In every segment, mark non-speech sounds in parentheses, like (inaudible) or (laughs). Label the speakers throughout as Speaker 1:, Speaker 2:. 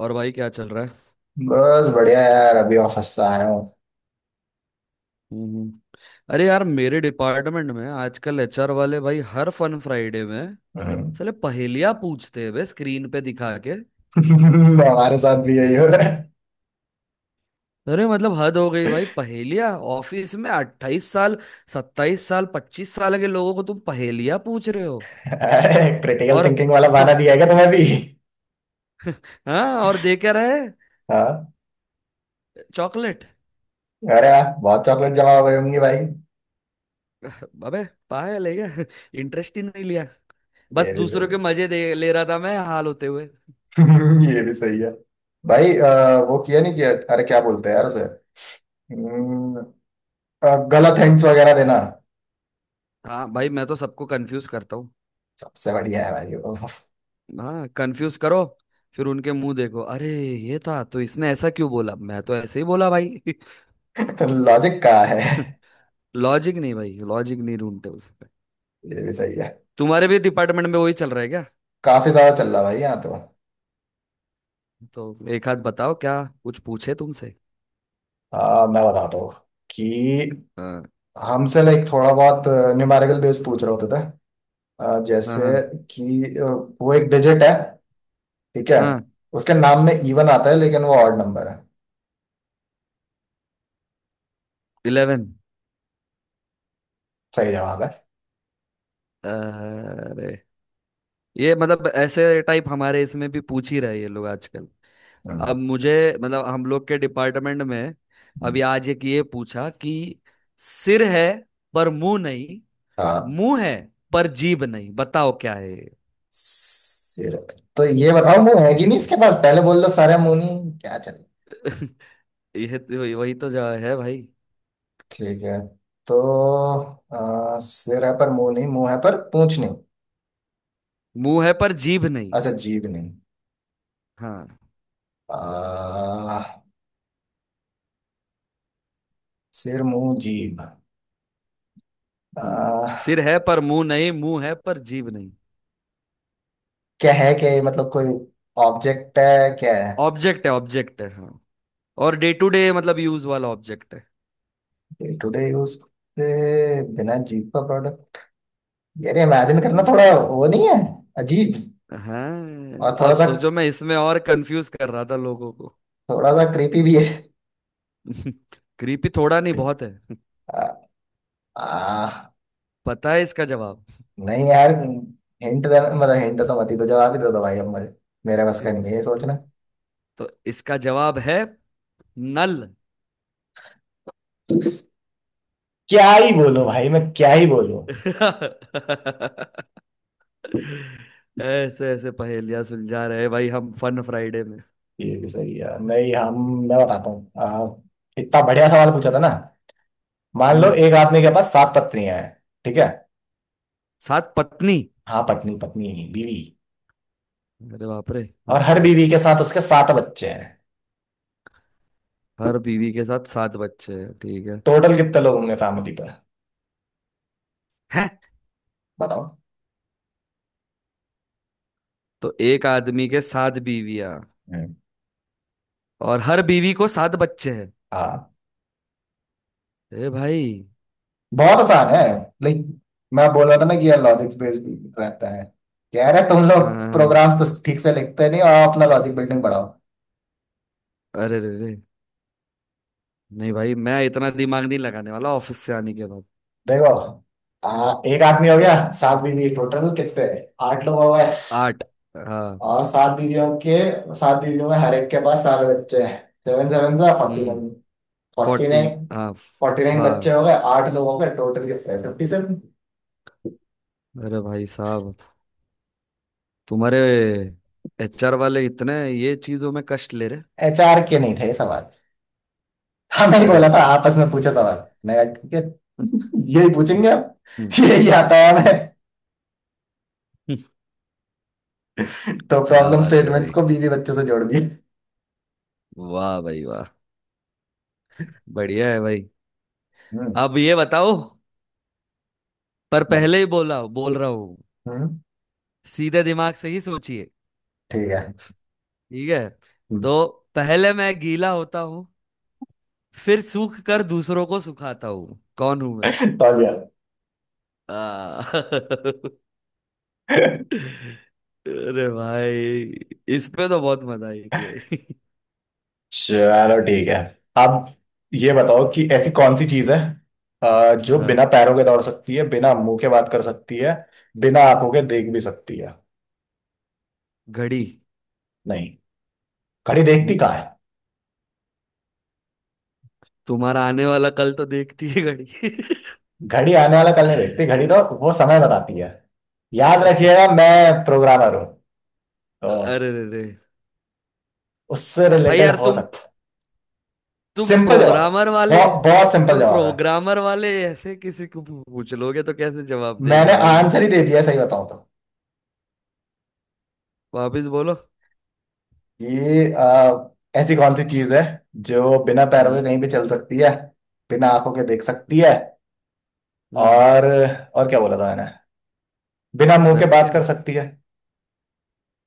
Speaker 1: और भाई, क्या चल रहा है।
Speaker 2: बस बढ़िया यार, अभी ऑफिस से आया हूँ।
Speaker 1: हम्म हम्म। अरे यार, मेरे डिपार्टमेंट में आजकल एचआर वाले भाई हर फन फ्राइडे में
Speaker 2: हाँ।
Speaker 1: साले पहेलियां पूछते हैं बे, स्क्रीन पे दिखा के।
Speaker 2: (laughs) हमारे साथ भी यही हो रहा
Speaker 1: अरे मतलब हद हो गई भाई, पहेलियां ऑफिस में। 28 साल, 27 साल, 25 साल के लोगों को तुम पहेलियां पूछ रहे हो।
Speaker 2: है। (laughs) क्रिटिकल
Speaker 1: और (laughs)
Speaker 2: थिंकिंग वाला बहाना दिया है क्या तुम्हें भी?
Speaker 1: हाँ, और दे क्या रहे।
Speaker 2: हाँ।
Speaker 1: चॉकलेट।
Speaker 2: अरे यार बहुत चॉकलेट जमा हो गई होंगी भाई।
Speaker 1: अबे, पायल है क्या। (laughs) इंटरेस्ट ही नहीं लिया। बस
Speaker 2: ये भी
Speaker 1: दूसरों
Speaker 2: सही
Speaker 1: के
Speaker 2: है।
Speaker 1: मजे
Speaker 2: (laughs)
Speaker 1: दे ले रहा था मैं, हाल होते हुए।
Speaker 2: ये भी सही है। भाई वो किया नहीं किया, अरे क्या बोलते हैं यार उसे। हम्म, गलत हिंट्स वगैरह देना।
Speaker 1: हाँ भाई, मैं तो सबको कंफ्यूज करता हूँ।
Speaker 2: सबसे बढ़िया है भाई वो।
Speaker 1: हाँ, कंफ्यूज करो। फिर उनके मुंह देखो, अरे ये था तो इसने ऐसा क्यों बोला, मैं तो ऐसे ही बोला भाई। (laughs)
Speaker 2: (laughs) लॉजिक का है। ये
Speaker 1: लॉजिक नहीं भाई, लॉजिक नहीं ढूंढते उस पे।
Speaker 2: भी सही है।
Speaker 1: तुम्हारे भी डिपार्टमेंट में वही चल रहा है क्या।
Speaker 2: काफी ज्यादा चल रहा है भाई यहाँ तो।
Speaker 1: तो एक हाथ बताओ, क्या कुछ पूछे तुमसे।
Speaker 2: हाँ मैं बताता हूँ कि
Speaker 1: हाँ
Speaker 2: हमसे लाइक थोड़ा बहुत न्यूमेरिकल बेस पूछ रहे होते थे।
Speaker 1: हाँ
Speaker 2: जैसे
Speaker 1: हाँ
Speaker 2: कि वो एक डिजिट है, ठीक है।
Speaker 1: हाँ।
Speaker 2: उसके नाम में इवन आता है लेकिन वो ऑड नंबर है।
Speaker 1: 11।
Speaker 2: सही जवाब है।
Speaker 1: अरे ये, मतलब ऐसे टाइप हमारे इसमें भी पूछ ही रहे ये लोग आजकल।
Speaker 2: हम्म,
Speaker 1: अब मुझे, मतलब हम लोग के डिपार्टमेंट में, अभी
Speaker 2: हम्म।
Speaker 1: आज एक ये पूछा कि सिर है पर मुंह नहीं,
Speaker 2: हाँ।
Speaker 1: मुंह है पर जीभ नहीं। बताओ क्या है ये।
Speaker 2: सिर। तो ये बताओ मुंह है कि नहीं इसके पास, पहले बोल दो, सारे मुंह नहीं क्या चले।
Speaker 1: (laughs) वही वही तो जवाब है भाई।
Speaker 2: ठीक है, तो सिर है पर मुंह नहीं, मुंह है पर पूंछ नहीं।
Speaker 1: मुंह है पर जीभ नहीं।
Speaker 2: अच्छा, जीभ नहीं।
Speaker 1: हाँ।
Speaker 2: आ, सिर, मुंह, जीभ।
Speaker 1: सिर
Speaker 2: आ,
Speaker 1: है पर मुंह नहीं, मुंह है पर जीभ नहीं।
Speaker 2: क्या है क्या ये, मतलब कोई ऑब्जेक्ट है क्या है?
Speaker 1: ऑब्जेक्ट है, ऑब्जेक्ट है, हाँ। और डे टू डे मतलब यूज वाला ऑब्जेक्ट है।
Speaker 2: डे टू डे यूज पे बिना जीप का प्रोडक्ट। यार इमेजिन करना थोड़ा,
Speaker 1: हम्म,
Speaker 2: वो नहीं है, अजीब।
Speaker 1: हाँ।
Speaker 2: और थोड़ा
Speaker 1: अब
Speaker 2: सा,
Speaker 1: सोचो, मैं इसमें और कंफ्यूज कर रहा था लोगों को।
Speaker 2: थोड़ा सा क्रीपी भी है।
Speaker 1: (laughs) क्रीपी थोड़ा नहीं बहुत है। (laughs)
Speaker 2: आ, आ,
Speaker 1: पता है इसका जवाब।
Speaker 2: नहीं यार, हिंट देना मतलब, हिंट तो मत ही, तो जवाब ही दे दो भाई अब मुझे। मेरे बस का
Speaker 1: (laughs)
Speaker 2: नहीं है ये
Speaker 1: तो,
Speaker 2: सोचना।
Speaker 1: तो इसका जवाब है नल।
Speaker 2: क्या ही बोलो भाई, मैं क्या ही बोलूं।
Speaker 1: (laughs) ऐसे ऐसे पहेलियां सुलझा रहे भाई, हम फन फ्राइडे में।
Speaker 2: ये भी सही है। नहीं, हम, मैं बताता हूँ। इतना बढ़िया सवाल पूछा था ना। मान लो
Speaker 1: हम्म।
Speaker 2: एक आदमी के पास सात पत्नियां हैं, ठीक है।
Speaker 1: सात पत्नी।
Speaker 2: हाँ, पत्नी पत्नी नहीं, बीवी।
Speaker 1: अरे बाप रे।
Speaker 2: और
Speaker 1: हाँ
Speaker 2: हर
Speaker 1: हाँ।
Speaker 2: बीवी के साथ उसके सात बच्चे हैं।
Speaker 1: हर बीवी के साथ सात बच्चे हैं, ठीक है।
Speaker 2: टोटल कितने लोग होंगे फैमिली पर,
Speaker 1: हैं।
Speaker 2: बताओ।
Speaker 1: तो एक आदमी के सात बीवियां,
Speaker 2: हम्म।
Speaker 1: और हर बीवी को सात बच्चे हैं।
Speaker 2: हाँ,
Speaker 1: ए भाई।
Speaker 2: बहुत आसान है। लाइक, मैं बोल रहा था ना कि यार लॉजिक्स बेस्ड रहता है। कह रहे तुम लोग
Speaker 1: हाँ हाँ हाँ।
Speaker 2: प्रोग्राम्स तो ठीक से लिखते नहीं, और अपना लॉजिक बिल्डिंग बढ़ाओ।
Speaker 1: अरे रे रे, नहीं भाई मैं इतना दिमाग नहीं लगाने वाला ऑफिस से आने के बाद।
Speaker 2: देखो, एक आदमी हो गया, सात बीवी, टोटल कितने, आठ लोग हो गए।
Speaker 1: आठ, हाँ।
Speaker 2: और सात बीवियों में हर एक के पास सारे बच्चे हैं। 7 7 से forty
Speaker 1: hmm.
Speaker 2: Nine forty
Speaker 1: 14,
Speaker 2: nine
Speaker 1: हाँ,
Speaker 2: फोर्टी नाइन बच्चे
Speaker 1: हाँ
Speaker 2: हो गए, आठ लोगों के टोटल कितने, 57।
Speaker 1: अरे भाई साहब, तुम्हारे एचआर वाले इतने ये चीजों में कष्ट ले रहे।
Speaker 2: एचआर के नहीं थे ये सवाल। हमने ही
Speaker 1: अरे
Speaker 2: बोला
Speaker 1: रे
Speaker 2: था
Speaker 1: रे।
Speaker 2: आपस में पूछे सवाल, मैं कहा ठीक है। यही पूछेंगे अब, यही आता है हमें।
Speaker 1: (laughs)
Speaker 2: तो
Speaker 1: क्या
Speaker 2: प्रॉब्लम
Speaker 1: बात है
Speaker 2: स्टेटमेंट्स
Speaker 1: भाई,
Speaker 2: को बीवी बच्चों से जोड़ दिए।
Speaker 1: वाह भाई वाह, बढ़िया है भाई।
Speaker 2: हम्म।
Speaker 1: अब ये बताओ, पर
Speaker 2: बहुत-
Speaker 1: पहले ही बोला, बोल रहा हूँ,
Speaker 2: हम्म।
Speaker 1: सीधे दिमाग से ही सोचिए।
Speaker 2: ठीक है।
Speaker 1: ठीक है।
Speaker 2: हम्म,
Speaker 1: तो, पहले मैं गीला होता हूँ, फिर सूख कर दूसरों को सुखाता हूँ। कौन हूं मैं।
Speaker 2: समझ गया।
Speaker 1: आ, (laughs) अरे भाई, इस पे तो बहुत मजा आई थी भाई।
Speaker 2: चलो ठीक है। अब ये बताओ कि ऐसी कौन सी चीज है जो बिना
Speaker 1: हाँ।
Speaker 2: पैरों के दौड़ सकती है, बिना मुंह के बात कर सकती है, बिना आंखों के देख भी सकती है।
Speaker 1: (laughs) घड़ी।
Speaker 2: नहीं। घड़ी देखती
Speaker 1: नहीं,
Speaker 2: कहाँ?
Speaker 1: तुम्हारा आने वाला कल तो देखती है घड़ी।
Speaker 2: घड़ी आने वाला कल नहीं देखती,
Speaker 1: (laughs)
Speaker 2: घड़ी तो वो समय बताती है। याद रखिएगा मैं प्रोग्रामर हूँ, तो
Speaker 1: अरे रे रे,
Speaker 2: उससे
Speaker 1: भाई
Speaker 2: रिलेटेड
Speaker 1: यार
Speaker 2: हो
Speaker 1: तुम,
Speaker 2: सकता है।
Speaker 1: तुम
Speaker 2: सिंपल जवाब,
Speaker 1: प्रोग्रामर वाले
Speaker 2: बहुत बहुत सिंपल
Speaker 1: तुम
Speaker 2: जवाब है।
Speaker 1: प्रोग्रामर वाले ऐसे किसी को पूछ लोगे तो कैसे जवाब
Speaker 2: मैंने
Speaker 1: देगा भाई वो।
Speaker 2: आंसर ही दे दिया सही बताऊं तो।
Speaker 1: वापिस बोलो।
Speaker 2: ये ऐसी कौन सी चीज है जो बिना पैरों के
Speaker 1: हम्म
Speaker 2: कहीं भी चल सकती है, बिना आंखों के देख सकती है,
Speaker 1: हम्म।
Speaker 2: और और क्या बोला था मैंने, बिना मुंह के बात कर
Speaker 1: वेबकैम,
Speaker 2: सकती है।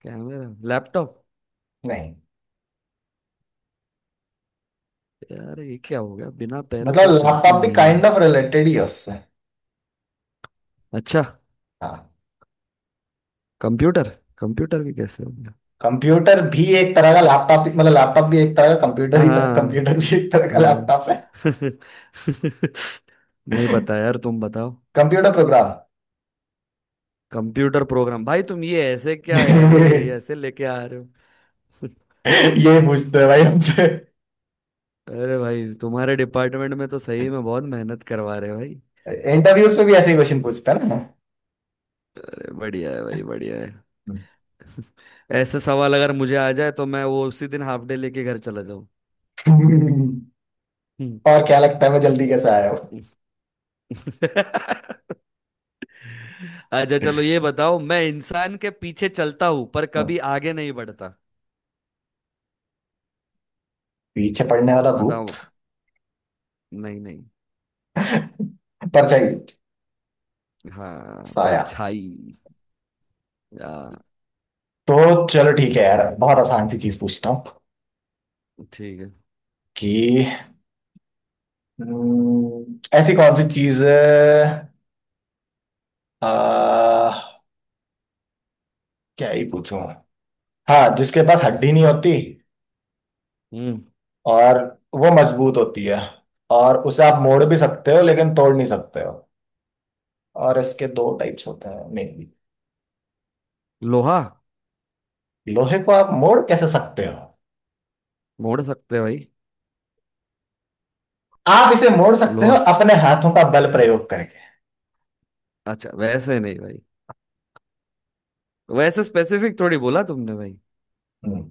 Speaker 1: Camera, laptop.
Speaker 2: नहीं।
Speaker 1: यार ये क्या हो गया, बिना पैरों
Speaker 2: मतलब
Speaker 1: के चलती
Speaker 2: लैपटॉप भी
Speaker 1: नहीं
Speaker 2: काइंड
Speaker 1: है।
Speaker 2: ऑफ रिलेटेड ही है उससे।
Speaker 1: अच्छा।
Speaker 2: हाँ।
Speaker 1: कंप्यूटर। कंप्यूटर भी कैसे हो गया।
Speaker 2: कंप्यूटर भी एक तरह का लैपटॉप, मतलब लैपटॉप भी एक तरह का कंप्यूटर
Speaker 1: हाँ
Speaker 2: ही था,
Speaker 1: हाँ
Speaker 2: कंप्यूटर भी एक तरह का लैपटॉप है।
Speaker 1: हाँ। (laughs) नहीं पता यार, तुम बताओ।
Speaker 2: Computer program.
Speaker 1: Computer program? भाई तुम ये ऐसे क्या यार, ये
Speaker 2: (laughs)
Speaker 1: ऐसे लेके आ रहे हो। (laughs)
Speaker 2: ये पूछते हैं भाई हमसे।
Speaker 1: अरे भाई, तुम्हारे डिपार्टमेंट में तो सही में बहुत मेहनत करवा रहे हैं भाई।
Speaker 2: इंटरव्यूज पे भी ऐसे ही क्वेश्चन पूछता है ना।
Speaker 1: तो बढ़िया है भाई, बढ़िया है। (laughs) ऐसे सवाल अगर मुझे आ जाए तो मैं वो उसी दिन हाफ डे लेके घर चला जाऊं।
Speaker 2: (laughs) और
Speaker 1: हम्म।
Speaker 2: क्या लगता है मैं जल्दी कैसे आया हूँ?
Speaker 1: (laughs) अच्छा चलो, ये बताओ, मैं इंसान के पीछे चलता हूं पर कभी आगे नहीं बढ़ता।
Speaker 2: पीछे पड़ने वाला भूत,
Speaker 1: बताओ। नहीं नहीं।
Speaker 2: परछाई,
Speaker 1: हाँ,
Speaker 2: साया।
Speaker 1: परछाई। आ,
Speaker 2: तो चलो ठीक है यार, बहुत आसान सी चीज पूछता हूँ
Speaker 1: ठीक है।
Speaker 2: कि ऐसी कौन सी चीज है, आ, क्या ही पूछूं, हाँ, जिसके पास हड्डी नहीं होती,
Speaker 1: हम्म।
Speaker 2: और वो मजबूत होती है, और उसे आप मोड़ भी सकते हो लेकिन तोड़ नहीं सकते हो, और इसके दो टाइप्स होते हैं मेनली।
Speaker 1: लोहा।
Speaker 2: लोहे को आप मोड़ कैसे सकते हो?
Speaker 1: मोड़ सकते हैं भाई।
Speaker 2: आप इसे मोड़ सकते हो
Speaker 1: लोहा।
Speaker 2: अपने हाथों का बल प्रयोग करके।
Speaker 1: अच्छा, वैसे नहीं भाई, वैसे स्पेसिफिक थोड़ी बोला तुमने भाई।
Speaker 2: हम्म,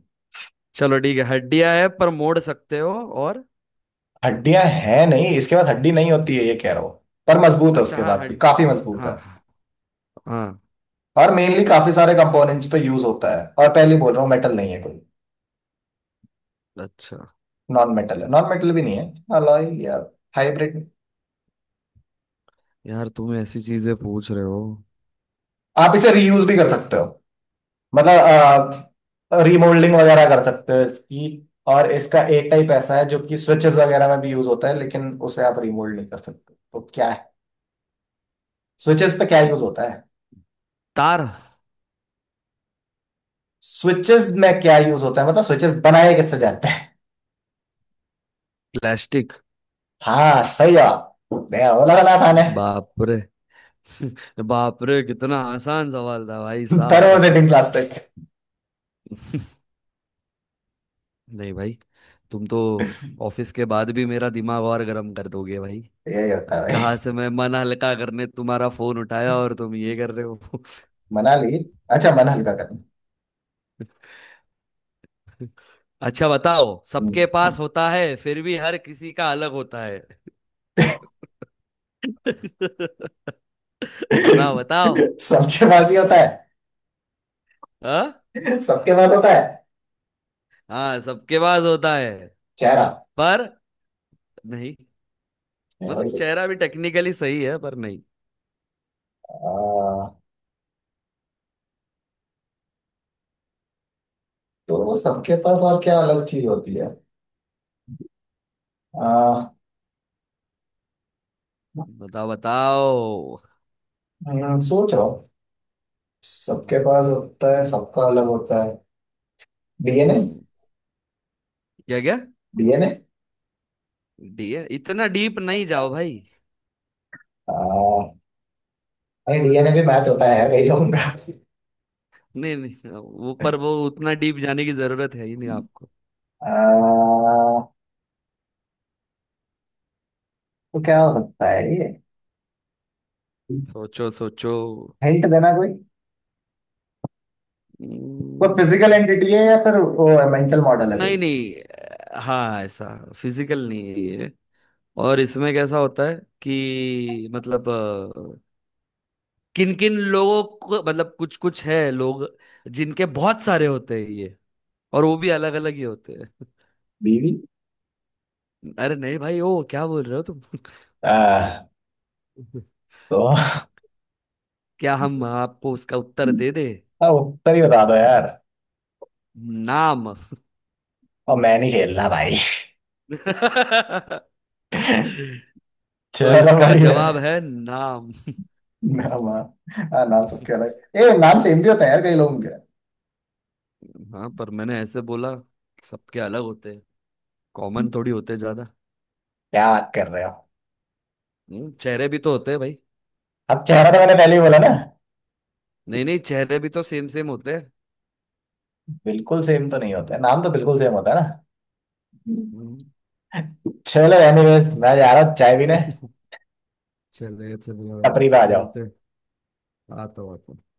Speaker 1: चलो ठीक है, हड्डियां है पर मोड़ सकते हो। और,
Speaker 2: हड्डियां हैं नहीं, इसके पास हड्डी नहीं होती है ये कह रहा हूं। पर मजबूत है,
Speaker 1: अच्छा
Speaker 2: उसके
Speaker 1: हाँ,
Speaker 2: बाद भी
Speaker 1: हड
Speaker 2: काफी मजबूत
Speaker 1: हाँ
Speaker 2: है।
Speaker 1: हाँ हाँ।
Speaker 2: और मेनली काफी सारे कंपोनेंट्स पे यूज होता है, और पहले ही बोल रहा हूँ मेटल नहीं है कोई।
Speaker 1: अच्छा।
Speaker 2: नॉन मेटल है, नॉन मेटल भी नहीं है। अलॉय या हाइब्रिड।
Speaker 1: यार तुम ऐसी चीजें पूछ रहे हो।
Speaker 2: आप इसे रीयूज भी कर सकते हो, मतलब रिमोल्डिंग वगैरह कर सकते हो इसकी। और इसका एक टाइप ऐसा है जो कि स्विचेस वगैरह में भी यूज होता है, लेकिन उसे आप रिमोल्ड नहीं कर सकते, तो क्या है? स्विचेस पे क्या
Speaker 1: ये-
Speaker 2: यूज होता है,
Speaker 1: तार।
Speaker 2: स्विचेस में क्या यूज होता है, मतलब स्विचेस बनाए कैसे जाते हैं?
Speaker 1: प्लास्टिक।
Speaker 2: हाँ, सही जवाब, मैं वो लगा था ने।
Speaker 1: बाप रे। (laughs) बाप रे, कितना आसान सवाल था भाई
Speaker 2: थर्मो
Speaker 1: साहब।
Speaker 2: Setting
Speaker 1: (laughs)
Speaker 2: plastic.
Speaker 1: नहीं भाई, तुम तो ऑफिस के बाद भी मेरा दिमाग और गर्म कर दोगे भाई।
Speaker 2: यही होता है
Speaker 1: कहाँ
Speaker 2: भाई।
Speaker 1: से मैं मन हल्का करने तुम्हारा फोन उठाया और तुम ये कर रहे हो।
Speaker 2: मनाली, अच्छा मन हल्का करना।
Speaker 1: (laughs) अच्छा बताओ,
Speaker 2: (laughs) हम्म।
Speaker 1: सबके पास होता है फिर भी हर किसी का अलग होता है। (laughs) बताओ बताओ।
Speaker 2: सबके पास ही होता है,
Speaker 1: हाँ।
Speaker 2: सबके पास होता है।
Speaker 1: हाँ, सबके पास होता है।
Speaker 2: चेहरा।
Speaker 1: पर नहीं,
Speaker 2: चेहरा
Speaker 1: मतलब
Speaker 2: ही होता
Speaker 1: चेहरा भी टेक्निकली सही है पर नहीं।
Speaker 2: है। तो वो सबके पास और क्या अलग चीज होती है, आ,
Speaker 1: बताओ बताओ।
Speaker 2: सोच रहा हूँ। सबके
Speaker 1: हम्म।
Speaker 2: पास होता है, सबका अलग होता है। डीएनए।
Speaker 1: हम्म। क्या क्या।
Speaker 2: डीएनए
Speaker 1: डी, है इतना डीप नहीं जाओ भाई।
Speaker 2: नहीं, डीएनए भी मैच होता है कई लोगों का।
Speaker 1: नहीं नहीं, वो पर वो उतना डीप जाने की जरूरत है ही नहीं आपको।
Speaker 2: आ, तो क्या हो सकता है ये,
Speaker 1: सोचो सोचो।
Speaker 2: हिंट देना कोई। वो
Speaker 1: हम्म।
Speaker 2: फिजिकल एंटिटी है या फिर वो मेंटल मॉडल है
Speaker 1: नहीं
Speaker 2: कोई?
Speaker 1: नहीं, हाँ ऐसा, फिजिकल नहीं है ये। और इसमें कैसा होता है कि मतलब, किन किन लोगों को मतलब कुछ कुछ है लोग, जिनके बहुत सारे होते हैं ये, और वो भी अलग अलग ही होते हैं।
Speaker 2: बीवी।
Speaker 1: (laughs) अरे नहीं भाई, ओ क्या बोल रहे हो तुम।
Speaker 2: आ,
Speaker 1: (laughs)
Speaker 2: तो
Speaker 1: क्या हम आपको उसका उत्तर दे दे।
Speaker 2: हाँ, उत्तर ही बता दो यार।
Speaker 1: नाम।
Speaker 2: और मैं नहीं खेलना भाई।
Speaker 1: (laughs) तो
Speaker 2: चलो
Speaker 1: इसका
Speaker 2: बढ़िया।
Speaker 1: जवाब है नाम।
Speaker 2: नाम, हाँ, हाँ, नाम सबके
Speaker 1: (laughs)
Speaker 2: अलग, ए नाम सेम भी होता है यार कई लोगों के।
Speaker 1: हाँ, पर मैंने ऐसे बोला सबके अलग होते हैं, कॉमन थोड़ी होते ज्यादा।
Speaker 2: क्या बात कर रहे हो?
Speaker 1: चेहरे भी तो होते हैं भाई।
Speaker 2: अब चेहरा तो मैंने पहले ही बोला ना।
Speaker 1: नहीं नहीं, चेहरे भी तो सेम सेम होते हैं।
Speaker 2: बिल्कुल सेम तो नहीं होता है, नाम तो बिल्कुल सेम होता है ना।
Speaker 1: हम्म।
Speaker 2: चलो एनीवेज मैं जा रहा हूँ चाय पीने।
Speaker 1: (laughs) चलिए चलिए भाई,
Speaker 2: टपरी पे आ जाओ।
Speaker 1: मिलते हैं। आता हूँ आता हूँ।